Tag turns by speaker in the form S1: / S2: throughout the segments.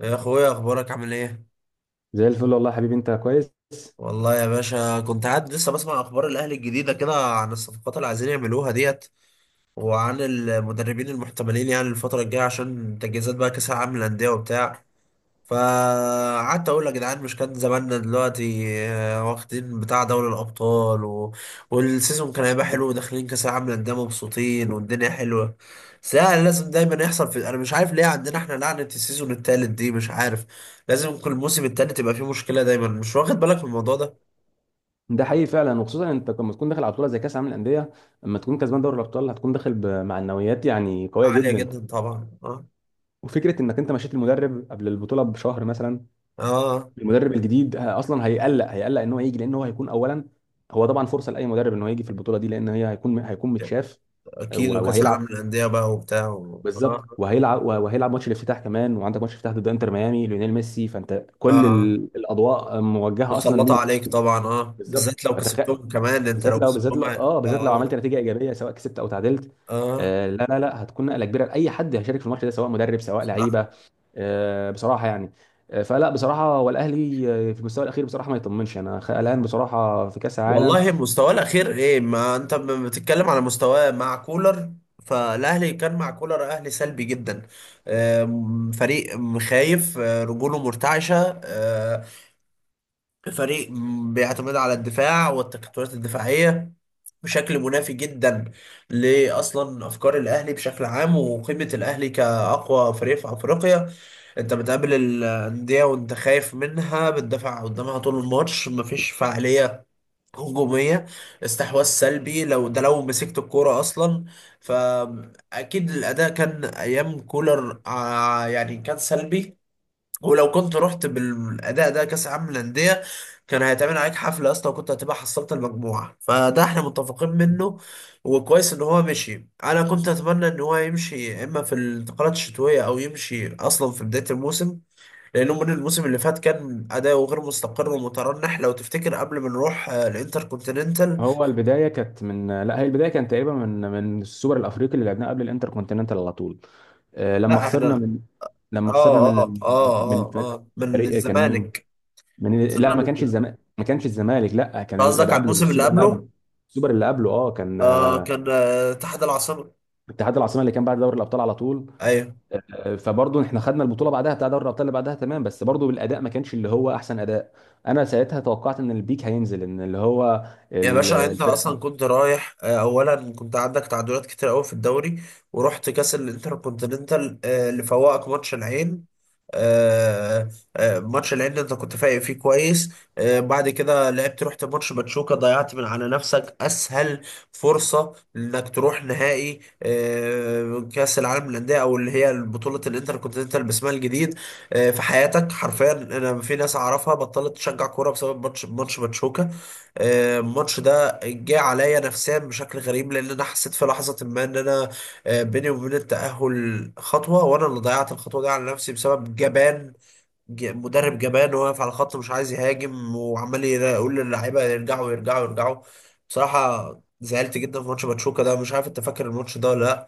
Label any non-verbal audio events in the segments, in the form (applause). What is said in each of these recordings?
S1: يا اخويا، اخبارك عامل ايه؟
S2: زي الفل والله يا حبيبي، انت كويس.
S1: والله يا باشا كنت قاعد لسه بسمع اخبار الاهلي الجديده كده عن الصفقات اللي عايزين يعملوها ديت وعن المدربين المحتملين، يعني الفتره الجايه عشان تجهيزات بقى كاس العالم للانديه وبتاع. فقعدت اقول يا جدعان، مش كان زماننا دلوقتي واخدين بتاع دوري الابطال و... والسيزون كان هيبقى حلو وداخلين كاس العالم للانديه مبسوطين والدنيا حلوه. بس لا، لازم دايما يحصل في، انا مش عارف ليه عندنا احنا لعنه السيزون التالت دي، مش عارف. لازم كل موسم التالت يبقى فيه مشكله دايما، مش واخد بالك من الموضوع ده؟
S2: ده حقيقي فعلا، وخصوصا انت لما تكون داخل على بطوله زي كاس العالم للانديه، لما تكون كسبان دوري الابطال هتكون داخل بمعنويات يعني قويه
S1: عاليه
S2: جدا.
S1: جدا طبعا، اه
S2: وفكره انك انت مشيت المدرب قبل البطوله بشهر مثلا،
S1: اه.
S2: المدرب الجديد اصلا هيقلق ان هو يجي، لان هو هيكون اولا، هو طبعا فرصه لاي مدرب ان هو يجي في البطوله دي، لان هي هيكون متشاف. آه،
S1: اكيد،
S2: و-
S1: وكاس
S2: وهيلعب.
S1: العالم للانديه بقى وبتاع و...
S2: بالظبط،
S1: اه.
S2: وهيلعب ماتش الافتتاح كمان، وعندك ماتش افتتاح ضد انتر ميامي، ليونيل ميسي، فانت كل
S1: اه،
S2: ال- الاضواء موجهه اصلا
S1: متسلطة
S2: ليك.
S1: عليك طبعا، اه،
S2: بالظبط،
S1: بالذات لو كسبتهم كمان، انت
S2: بالذات
S1: لو
S2: لو بالذات
S1: كسبتهم،
S2: لو
S1: اه
S2: اه بالذات لو
S1: اه.
S2: عملت نتيجه ايجابيه، سواء كسبت او تعادلت.
S1: آه.
S2: آه، لا لا لا، هتكون نقله كبيره لاي حد هيشارك في الماتش ده، سواء مدرب سواء
S1: صراحة.
S2: لعيبه. آه بصراحه، يعني آه، فلا بصراحه هو الاهلي في المستوى الاخير بصراحه ما يطمنش، انا قلقان بصراحه في كاس العالم.
S1: والله مستواه الأخير ايه؟ ما انت بتتكلم على مستواه مع كولر، فالأهلي كان مع كولر أهلي سلبي جدا. فريق خايف، رجوله مرتعشة، فريق بيعتمد على الدفاع والتكتلات الدفاعية بشكل منافي جدا لأصلا أفكار الأهلي بشكل عام وقيمة الأهلي كأقوى فريق في أفريقيا. انت بتقابل الانديه وانت خايف منها، بتدافع قدامها طول الماتش، مفيش فعاليه هجوميه، استحواذ سلبي لو ده لو مسكت الكوره اصلا. فاكيد الاداء كان ايام كولر، يعني كان سلبي. ولو كنت رحت بالاداء ده كاس عالم للانديه كان هيتعمل عليك حفله اصلا، وكنت هتبقى حصلت المجموعه، فده احنا متفقين منه. وكويس ان هو مشي. انا كنت اتمنى ان هو يمشي يا اما في الانتقالات الشتويه او يمشي اصلا في بدايه الموسم، لأنه من الموسم اللي فات كان أداؤه غير مستقر ومترنح، لو تفتكر قبل ما نروح الانتر كونتيننتال.
S2: هو البدايه كانت من لا هي البدايه كانت تقريبا من السوبر الافريقي اللي لعبناه قبل الانتر كونتيننتال على طول. آه، لما
S1: لا
S2: خسرنا
S1: احنا
S2: من لما خسرنا
S1: اه. اه
S2: من من
S1: اه اه، اه من
S2: فريق، كان مين؟
S1: الزمالك.
S2: لا،
S1: خسرنا
S2: ما كانش
S1: من-
S2: الزمالك، لا، كان
S1: قصدك
S2: اللي
S1: على
S2: قبله،
S1: الموسم اللي
S2: السوبر اللي قبله.
S1: قبله.
S2: السوبر اللي قبله، كان
S1: آه، كان آه اتحاد العاصمة.
S2: اتحاد العاصمه، اللي كان بعد دوري الابطال على طول.
S1: ايوه.
S2: آه، فبرضه احنا خدنا البطوله بعدها، بتاع دوري الابطال اللي بعدها، تمام، بس برضه الاداء ما كانش اللي هو احسن اداء. انا ساعتها توقعت ان البيك هينزل، ان اللي هو
S1: يا
S2: ال-
S1: باشا انت
S2: الفرقه.
S1: اصلا كنت رايح، اولا كنت عندك تعادلات كتير قوي في الدوري، ورحت كاس الانتركونتيننتال، اللي فوقك ماتش العين. آه، ماتش العين اللي انت كنت فايق فيه كويس، بعد كده لعبت، رحت ماتش باتشوكا، ضيعت من على نفسك اسهل فرصة انك تروح نهائي، كاس العالم للانديه او اللي هي بطولة الانتركونتيننتال باسمها الجديد، في حياتك حرفيا. انا في ناس اعرفها بطلت تشجع كوره بسبب ماتش باتشوكا. الماتش ده جه عليا نفسيا بشكل غريب، لان انا حسيت في لحظه ما ان انا بيني وبين التاهل خطوه، وانا اللي ضيعت الخطوه دي على نفسي بسبب جبان، مدرب جبان واقف على الخط مش عايز يهاجم، وعمال يقول للعيبه يرجعوا يرجعوا يرجعوا، بصراحه. زعلت جدا في ماتش باتشوكا ده، مش عارف انت فاكر الماتش ده ولا لا،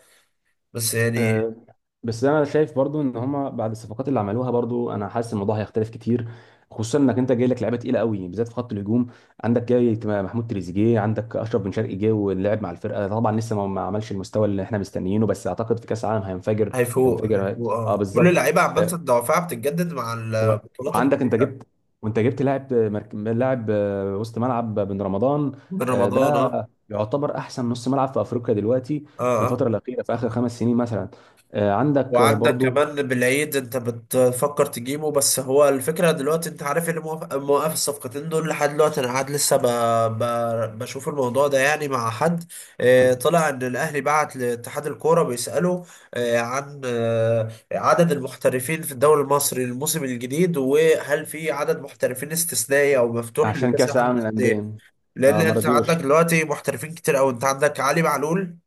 S1: بس يعني.
S2: أه، بس انا شايف برضو ان هما بعد الصفقات اللي عملوها، برضو انا حاسس الموضوع هيختلف كتير، خصوصا انك انت جاي لك لعيبه تقيله قوي بالذات في خط الهجوم. عندك جاي محمود تريزيجيه، عندك اشرف بن شرقي جه ولعب مع الفرقه، طبعا لسه ما عملش المستوى اللي احنا مستنيينه، بس اعتقد في كاس العالم هينفجر.
S1: هيفوق
S2: هينفجر،
S1: هيفوق
S2: اه
S1: اه، كل
S2: بالظبط.
S1: اللعيبه عامه
S2: آه،
S1: دوافعها بتتجدد مع
S2: و...
S1: البطولات
S2: وعندك انت
S1: الكبيره.
S2: جبت، وانت جبت لاعب وسط ملعب، بن رمضان.
S1: من
S2: آه،
S1: رمضان،
S2: ده
S1: اه
S2: يعتبر احسن نص ملعب في افريقيا دلوقتي،
S1: اه.
S2: في
S1: آه.
S2: الفتره الاخيره، في اخر خمس سنين مثلا. عندك
S1: وعندك
S2: برضو
S1: كمان بالعيد انت بتفكر تجيبه. بس هو الفكرة دلوقتي، انت عارف اللي موقف الصفقتين دول لحد دلوقتي، انا قاعد لسه ب... ب... بشوف الموضوع ده يعني مع حد. اه، طلع ان الاهلي بعت لاتحاد الكورة بيسأله اه عن اه عدد المحترفين في الدوري المصري الموسم الجديد، وهل في عدد محترفين استثنائي او مفتوح
S2: عشان
S1: لكأس
S2: كاس
S1: العالم
S2: العالم
S1: للأندية،
S2: للانديه.
S1: لان
S2: اه،
S1: انت عندك
S2: ماراديوش.
S1: دلوقتي محترفين كتير، او انت عندك علي معلول،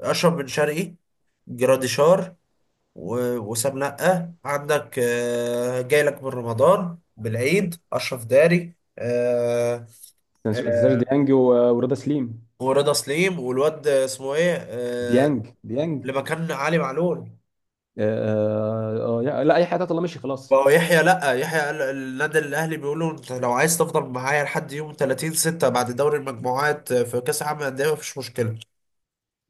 S1: اشرف بن شرقي، جراديشار، وسام نقة، عندك جاي لك من رمضان بالعيد، أشرف داري،
S2: ما تنساش
S1: آه،
S2: ديانج و- ورضا سليم.
S1: ورضا سليم، والواد اسمه ايه،
S2: ديانج.
S1: اللي مكان علي معلول.
S2: آه آه. آه، لا اي حاجه، الله مشي خلاص.
S1: بقى يحيى، لا يحيى النادي الاهلي بيقولوا انت لو عايز تفضل معايا لحد يوم 30 6 بعد دوري المجموعات في كاس العالم للانديه مفيش مشكله.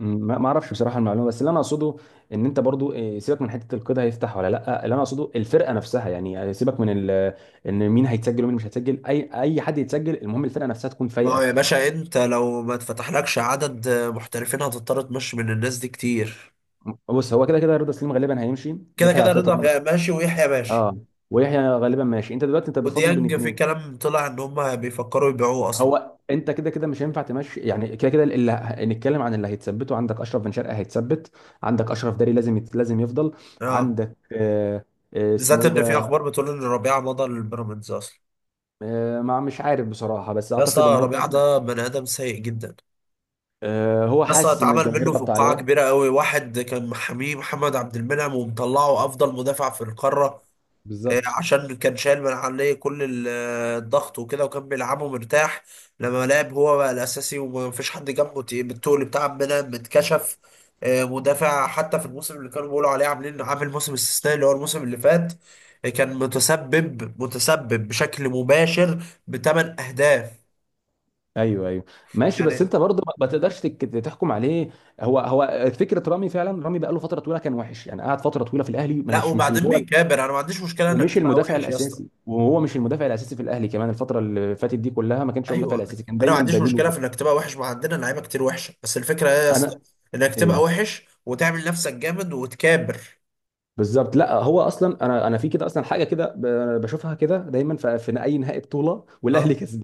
S2: ما اعرفش بصراحه المعلومه، بس اللي انا اقصده ان انت برضو سيبك من حته القيد هيفتح ولا لا، اللي انا اقصده الفرقه نفسها. يعني سيبك من ان مين هيتسجل ومين مش هيتسجل، اي حد يتسجل، المهم الفرقه نفسها تكون
S1: ما هو
S2: فايقه.
S1: يا باشا انت لو ما اتفتحلكش عدد محترفين هتضطر تمشي من الناس دي كتير.
S2: بص، هو كده كده رضا سليم غالبا هيمشي،
S1: كده
S2: يحيى
S1: كده
S2: عطية
S1: رضا
S2: الله.
S1: ماشي، ويحيى ماشي.
S2: اه، ويحيى غالبا ماشي، انت دلوقتي انت بتفاضل بين
S1: وديانج في
S2: اتنين.
S1: كلام طلع ان هم بيفكروا يبيعوه اصلا.
S2: هو انت كده كده مش هينفع تمشي يعني، كده كده اللي نتكلم عن اللي هيتثبتوا. عندك اشرف بن شرقه هيتثبت، عندك اشرف داري لازم لازم يفضل.
S1: اه،
S2: عندك آه، اسمه
S1: بالذات
S2: ايه
S1: ان في
S2: ده؟
S1: اخبار بتقول ان ربيعه مضى للبيراميدز اصلا.
S2: آه، ما مش عارف بصراحة، بس
S1: يا
S2: أعتقد إن
S1: اسطى
S2: هو كده
S1: ربيعه
S2: كده.
S1: ده بني ادم سيء جدا.
S2: آه، هو
S1: يا اسطى
S2: حاسس إن
S1: اتعمل
S2: الجماهير
S1: منه
S2: ضغط
S1: فقاعه
S2: عليه.
S1: كبيره قوي. واحد كان محاميه محمد عبد المنعم ومطلعه افضل مدافع في القاره،
S2: بالظبط،
S1: عشان كان شايل من عليه كل الضغط وكده، وكان بيلعبه مرتاح. لما لعب هو بقى الاساسي ومفيش حد جنبه تقيل، بالتقل بتاع منها متكشف، مدافع. حتى في الموسم اللي كانوا بيقولوا عليه عاملين عامل موسم استثنائي اللي هو الموسم اللي فات، كان متسبب بشكل مباشر بثمان اهداف،
S2: أيوه أيوه. ماشي، بس
S1: يعني.
S2: أنت برضه ما تقدرش تحكم عليه. هو فكرة رامي فعلا، رامي بقى له فترة طويلة كان وحش، يعني قعد فترة طويلة في الأهلي، ما-
S1: لا
S2: مش مش اللي
S1: وبعدين
S2: هو،
S1: بيكابر. انا ما عنديش مشكله انك
S2: ومش
S1: تبقى
S2: المدافع
S1: وحش يا اسطى.
S2: الأساسي، وهو مش المدافع الأساسي في الأهلي كمان. الفترة اللي فاتت دي كلها ما كانش هو المدافع
S1: ايوه.
S2: الأساسي، كان
S1: انا ما
S2: دايما
S1: عنديش
S2: بديل
S1: مشكله في
S2: وكده.
S1: انك تبقى وحش، ما عندنا لعيبه كتير وحشه، بس الفكره ايه يا اسطى؟
S2: أنا
S1: انك تبقى
S2: إيه؟
S1: وحش وتعمل نفسك جامد وتكابر.
S2: بالظبط. لا، هو أصلا أنا في كده أصلا، حاجة كده بشوفها كده دايما في أي نهائي بطولة والأهلي
S1: اه.
S2: كسبان.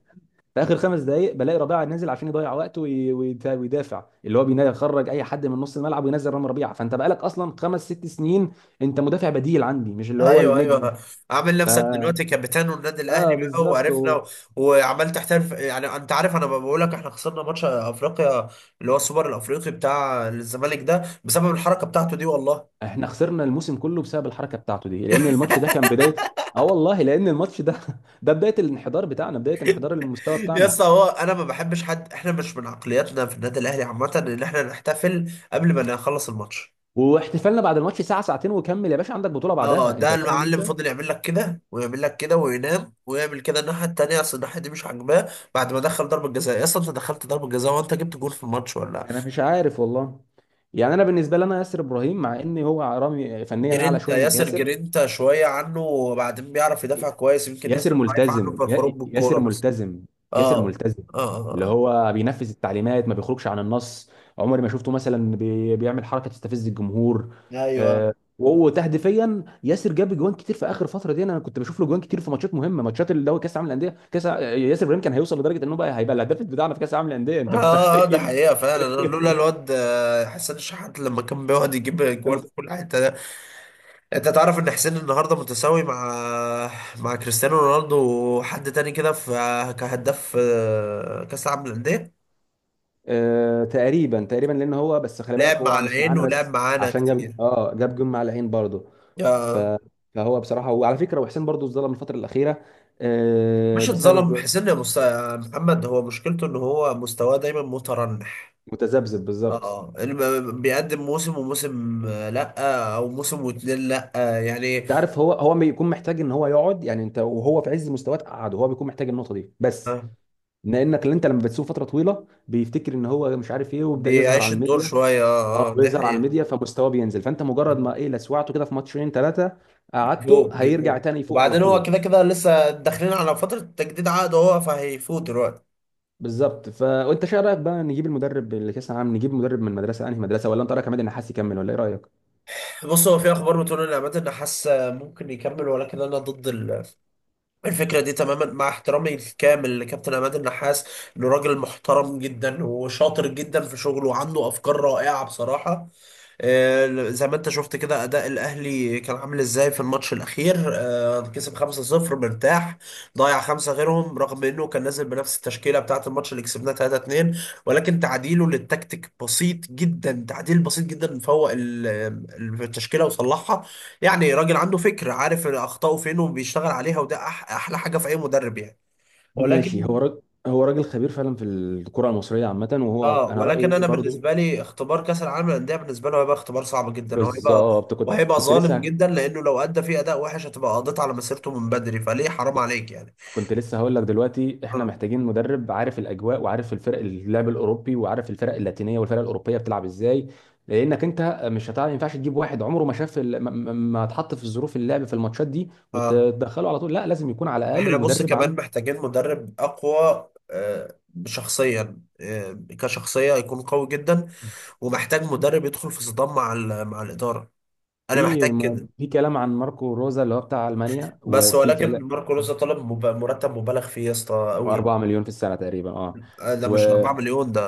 S2: في اخر خمس دقائق بلاقي ربيعه نازل عشان يضيع وقته، وي- ويت- ويدافع، اللي هو يخرج اي حد من نص الملعب، وينزل رامي ربيعه. فانت بقالك اصلا خمس ست سنين انت مدافع بديل عندي، مش اللي هو
S1: ايوه
S2: النجم.
S1: ايوه. عامل
S2: ف...
S1: نفسك دلوقتي كابتن والنادي الاهلي
S2: اه
S1: بقى
S2: بالظبط.
S1: وعرفنا و... وعمال تحترف. يعني انت عارف انا بقول لك، احنا خسرنا ماتش افريقيا اللي هو السوبر الافريقي بتاع الزمالك ده بسبب الحركه بتاعته دي والله.
S2: احنا خسرنا الموسم كله بسبب الحركه بتاعته دي، لان الماتش ده كان
S1: (laughs)
S2: بدايه. اه والله، لان الماتش ده (laughs) ده بدايه الانحدار بتاعنا، بدايه انحدار المستوى
S1: يا
S2: بتاعنا.
S1: اسطى هو انا ما بحبش حد. احنا مش من عقلياتنا في النادي الاهلي عامه ان احنا نحتفل قبل ما نخلص الماتش.
S2: واحتفالنا بعد الماتش ساعه ساعتين وكمل يا باشا، عندك بطوله
S1: اه،
S2: بعدها، انت
S1: ده
S2: فاهم
S1: المعلم
S2: انت.
S1: فضل يعمل لك كده ويعمل لك كده وينام ويعمل كده الناحيه التانيه، اصل الناحيه دي مش عاجباه. بعد ما دخل ضربه جزاء، يا اسطى انت دخلت ضربه جزاء وانت جبت جول في الماتش ولا؟
S2: انا مش عارف والله. يعني انا بالنسبه لي، انا ياسر ابراهيم، مع ان هو رامي فنيا اعلى
S1: جرينتا،
S2: شويه من
S1: ياسر
S2: ياسر.
S1: جرينتا شويه عنه، وبعدين بيعرف يدافع كويس، يمكن ياسر
S2: ياسر
S1: ضعيف عنه
S2: ملتزم
S1: في الخروج
S2: يا-
S1: بالكوره
S2: ياسر
S1: بس.
S2: ملتزم ياسر
S1: اه
S2: ملتزم
S1: اه
S2: اللي
S1: اه
S2: هو بينفذ التعليمات، ما بيخرجش عن النص، عمري ما شفته مثلا بيعمل حركه تستفز الجمهور.
S1: اه. ايوه،
S2: وهو تهديفيا ياسر جاب جوان كتير في اخر فتره دي، انا كنت بشوف له جوان كتير في ماتشات مهمه، ماتشات اللي هو كاس العالم للانديه، ياسر ابراهيم كان هيوصل لدرجه انه بقى هيبقى الهداف بتاعنا في كاس العالم للانديه،
S1: اه.
S2: انت
S1: ده
S2: متخيل؟
S1: حقيقه فعلا. أنا لولا
S2: (laughs)
S1: الواد حسين الشحات لما كان بيقعد يجيب جوان
S2: انت
S1: في كل حته. انت تعرف ان حسين النهارده متساوي مع مع كريستيانو رونالدو وحد تاني كده في كهداف كاس العالم للانديه.
S2: تقريبا تقريبا، لان هو بس خلي بالك،
S1: لعب مع
S2: هو مش
S1: العين
S2: معانا
S1: ولعب
S2: بس
S1: معانا
S2: عشان جاب
S1: كتير،
S2: اه جاب جون مع العين برضه. ف...
S1: آه،
S2: فهو بصراحه، وعلى فكره وحسين برضه اتظلم الفتره الاخيره آه
S1: مش اتظلم
S2: بسبب
S1: حسين يا يا محمد. هو مشكلته ان هو مستواه دايما مترنح.
S2: متذبذب بالظبط.
S1: اه بيقدم موسم وموسم، لا او موسم واتنين، لا، يعني،
S2: انت عارف، هو بيكون محتاج ان هو يقعد، يعني انت وهو في عز مستواه تقعده، هو بيكون محتاج النقطه دي بس،
S1: آه،
S2: لانك اللي انت لما بتسوق فتره طويله بيفتكر ان هو مش عارف ايه ويبدا يظهر على
S1: بيعيش الدور
S2: الميديا.
S1: شويه، اه
S2: اه،
S1: اه، دي
S2: بيظهر على
S1: حقيقه.
S2: الميديا فمستواه بينزل، فانت مجرد ما ايه لسوعته كده في ماتشين ثلاثه
S1: من
S2: قعدته
S1: فوق، من
S2: هيرجع
S1: فوق.
S2: تاني يفوق على
S1: وبعدين هو
S2: طول.
S1: كده كده لسه داخلين على فترة تجديد عقد هو، فهيفوت دلوقتي.
S2: بالظبط. وانت شايف رايك بقى، نجيب المدرب اللي كاس العالم نجيب مدرب من مدرسه، انهي مدرسه؟ ولا انت رايك عماد النحاس يكمل؟ ولا ايه رايك؟
S1: بص، هو في اخبار بتقول ان عماد النحاس ممكن يكمل، ولكن انا ضد الفكرة دي تماما، مع احترامي الكامل لكابتن عماد النحاس، انه راجل محترم جدا وشاطر جدا في شغله وعنده افكار رائعة بصراحة. زي ما انت شفت كده اداء الاهلي كان عامل ازاي في الماتش الاخير، كسب 5-0 مرتاح، ضيع خمسه غيرهم، رغم انه كان نازل بنفس التشكيله بتاعه الماتش اللي كسبناه 3-2، ولكن تعديله للتكتيك بسيط جدا، تعديل بسيط جدا فوق التشكيله وصلحها. يعني راجل عنده فكر، عارف اخطائه فين وبيشتغل عليها، وده احلى حاجه في اي مدرب يعني. ولكن
S2: ماشي. هو راجل خبير فعلا في الكرة المصرية عامة، وهو
S1: اه،
S2: أنا
S1: ولكن
S2: رأيي
S1: انا
S2: برضو
S1: بالنسبه لي اختبار كاس العالم للانديه بالنسبه له هيبقى اختبار صعب جدا، وهيبقى،
S2: بالظبط. كنت
S1: وهيبقى
S2: كنت
S1: ظالم
S2: لسه
S1: جدا، لانه لو ادى فيه اداء وحش هتبقى قضيت على مسيرته من بدري، فليه؟ حرام عليك يعني.
S2: كنت لسه هقول لك دلوقتي احنا
S1: اه
S2: محتاجين مدرب عارف الاجواء، وعارف الفرق، اللعب الاوروبي، وعارف الفرق اللاتينيه والفرق الاوروبيه بتلعب ازاي، لانك انت مش هتعرف، ما ينفعش تجيب واحد عمره ما شاف ما اتحط في ظروف اللعب في الماتشات دي
S1: اه.
S2: وتدخله على طول، لا لازم يكون على الاقل
S1: احنا بص
S2: المدرب
S1: كمان
S2: عنده.
S1: محتاجين مدرب اقوى، شخصيا، كشخصيه يكون قوي جدا، ومحتاج مدرب يدخل في صدام مع مع الاداره. انا محتاج
S2: في ما-
S1: كده.
S2: في كلام عن ماركو روزا اللي هو بتاع المانيا،
S1: بس
S2: وفي
S1: ولكن
S2: كلام
S1: ماركو لوزا طلب مرتب مبالغ فيه يا اسطى قوي.
S2: 4 مليون في السنه تقريبا. اه
S1: ده
S2: و
S1: مش 4 مليون، ده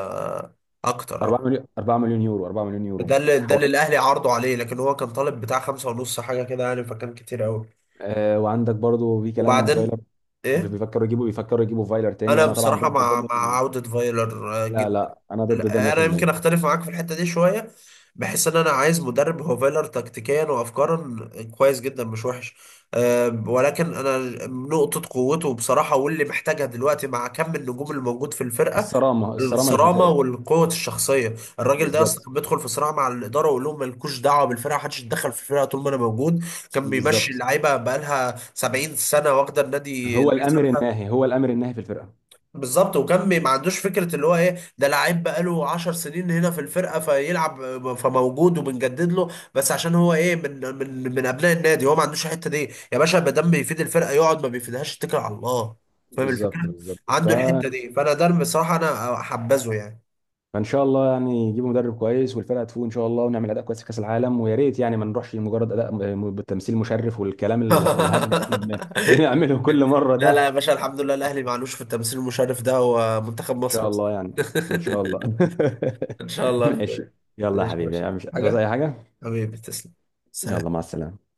S2: 4
S1: اكتر.
S2: مليون، 4 مليون يورو، 4 مليون يورو
S1: ده اللي، ده اللي
S2: حوالي.
S1: الاهلي عرضوا عليه، لكن هو كان طالب بتاع 5 ونص حاجه كده يعني، فكان كتير قوي.
S2: وعندك برضو في كلام ان
S1: وبعدين
S2: فايلر،
S1: ايه،
S2: بيفكروا يجيبوا فايلر تاني،
S1: انا
S2: وانا طبعا
S1: بصراحه
S2: ضد ده
S1: مع مع
S2: 100%.
S1: عوده فايلر
S2: لا
S1: جدا.
S2: لا، انا ضد ده
S1: انا يمكن
S2: 100%.
S1: اختلف معاك في الحته دي شويه، بحس ان انا عايز مدرب. هو فايلر تكتيكيا وافكارا كويس جدا، مش وحش. أه ولكن انا نقطه قوته بصراحه واللي محتاجها دلوقتي مع كم النجوم اللي موجود في الفرقه،
S2: الصرامه، الصرامه اللي في
S1: الصرامه
S2: الفرقه.
S1: والقوه الشخصيه. الراجل ده اصلا
S2: بالظبط.
S1: كان بيدخل في صراع مع الاداره ويقول لهم مالكوش دعوه بالفرقه، محدش يتدخل في الفرقه طول ما انا موجود. كان بيمشي
S2: بالظبط،
S1: اللعيبه بقالها 70 سنه واخده النادي
S2: هو الامر
S1: لحسابها.
S2: الناهي، هو الامر الناهي في الفرقه.
S1: بالظبط، وكان ما عندوش فكره اللي هو ايه ده لعيب بقاله 10 سنين هنا في الفرقه فيلعب فموجود وبنجدد له بس عشان هو ايه من من من ابناء النادي. هو ما عندوش الحته دي يا باشا. ما دام بيفيد الفرقه يقعد، ما بيفيدهاش اتكل على الله. فاهم
S2: بالظبط.
S1: الفكره؟
S2: بالظبط،
S1: عنده الحته دي، فانا ده بصراحه انا حبذه يعني.
S2: فان شاء الله يعني يجيبوا مدرب كويس، والفرقه تفوق ان شاء الله، ونعمل اداء كويس في كاس العالم، ويا ريت يعني ما نروحش مجرد اداء بالتمثيل مشرف، والكلام الهبل اللي احنا
S1: (laughs)
S2: بنعمله كل مره
S1: لا لا
S2: ده.
S1: يا باشا، الحمد لله الاهلي معلوش في التمثيل المشرف ده ومنتخب
S2: ان
S1: مصر
S2: شاء
S1: بس.
S2: الله يعني.
S1: (laughs)
S2: ان شاء الله
S1: ان شاء الله
S2: (laughs)
S1: يا
S2: ماشي.
S1: اخويا.
S2: يلا يا
S1: ماشي يا باشا.
S2: حبيبي، مش هتعوز
S1: حاجه،
S2: اي حاجه؟
S1: حبيبي تسلم.
S2: يلا،
S1: سلام.
S2: مع السلامه.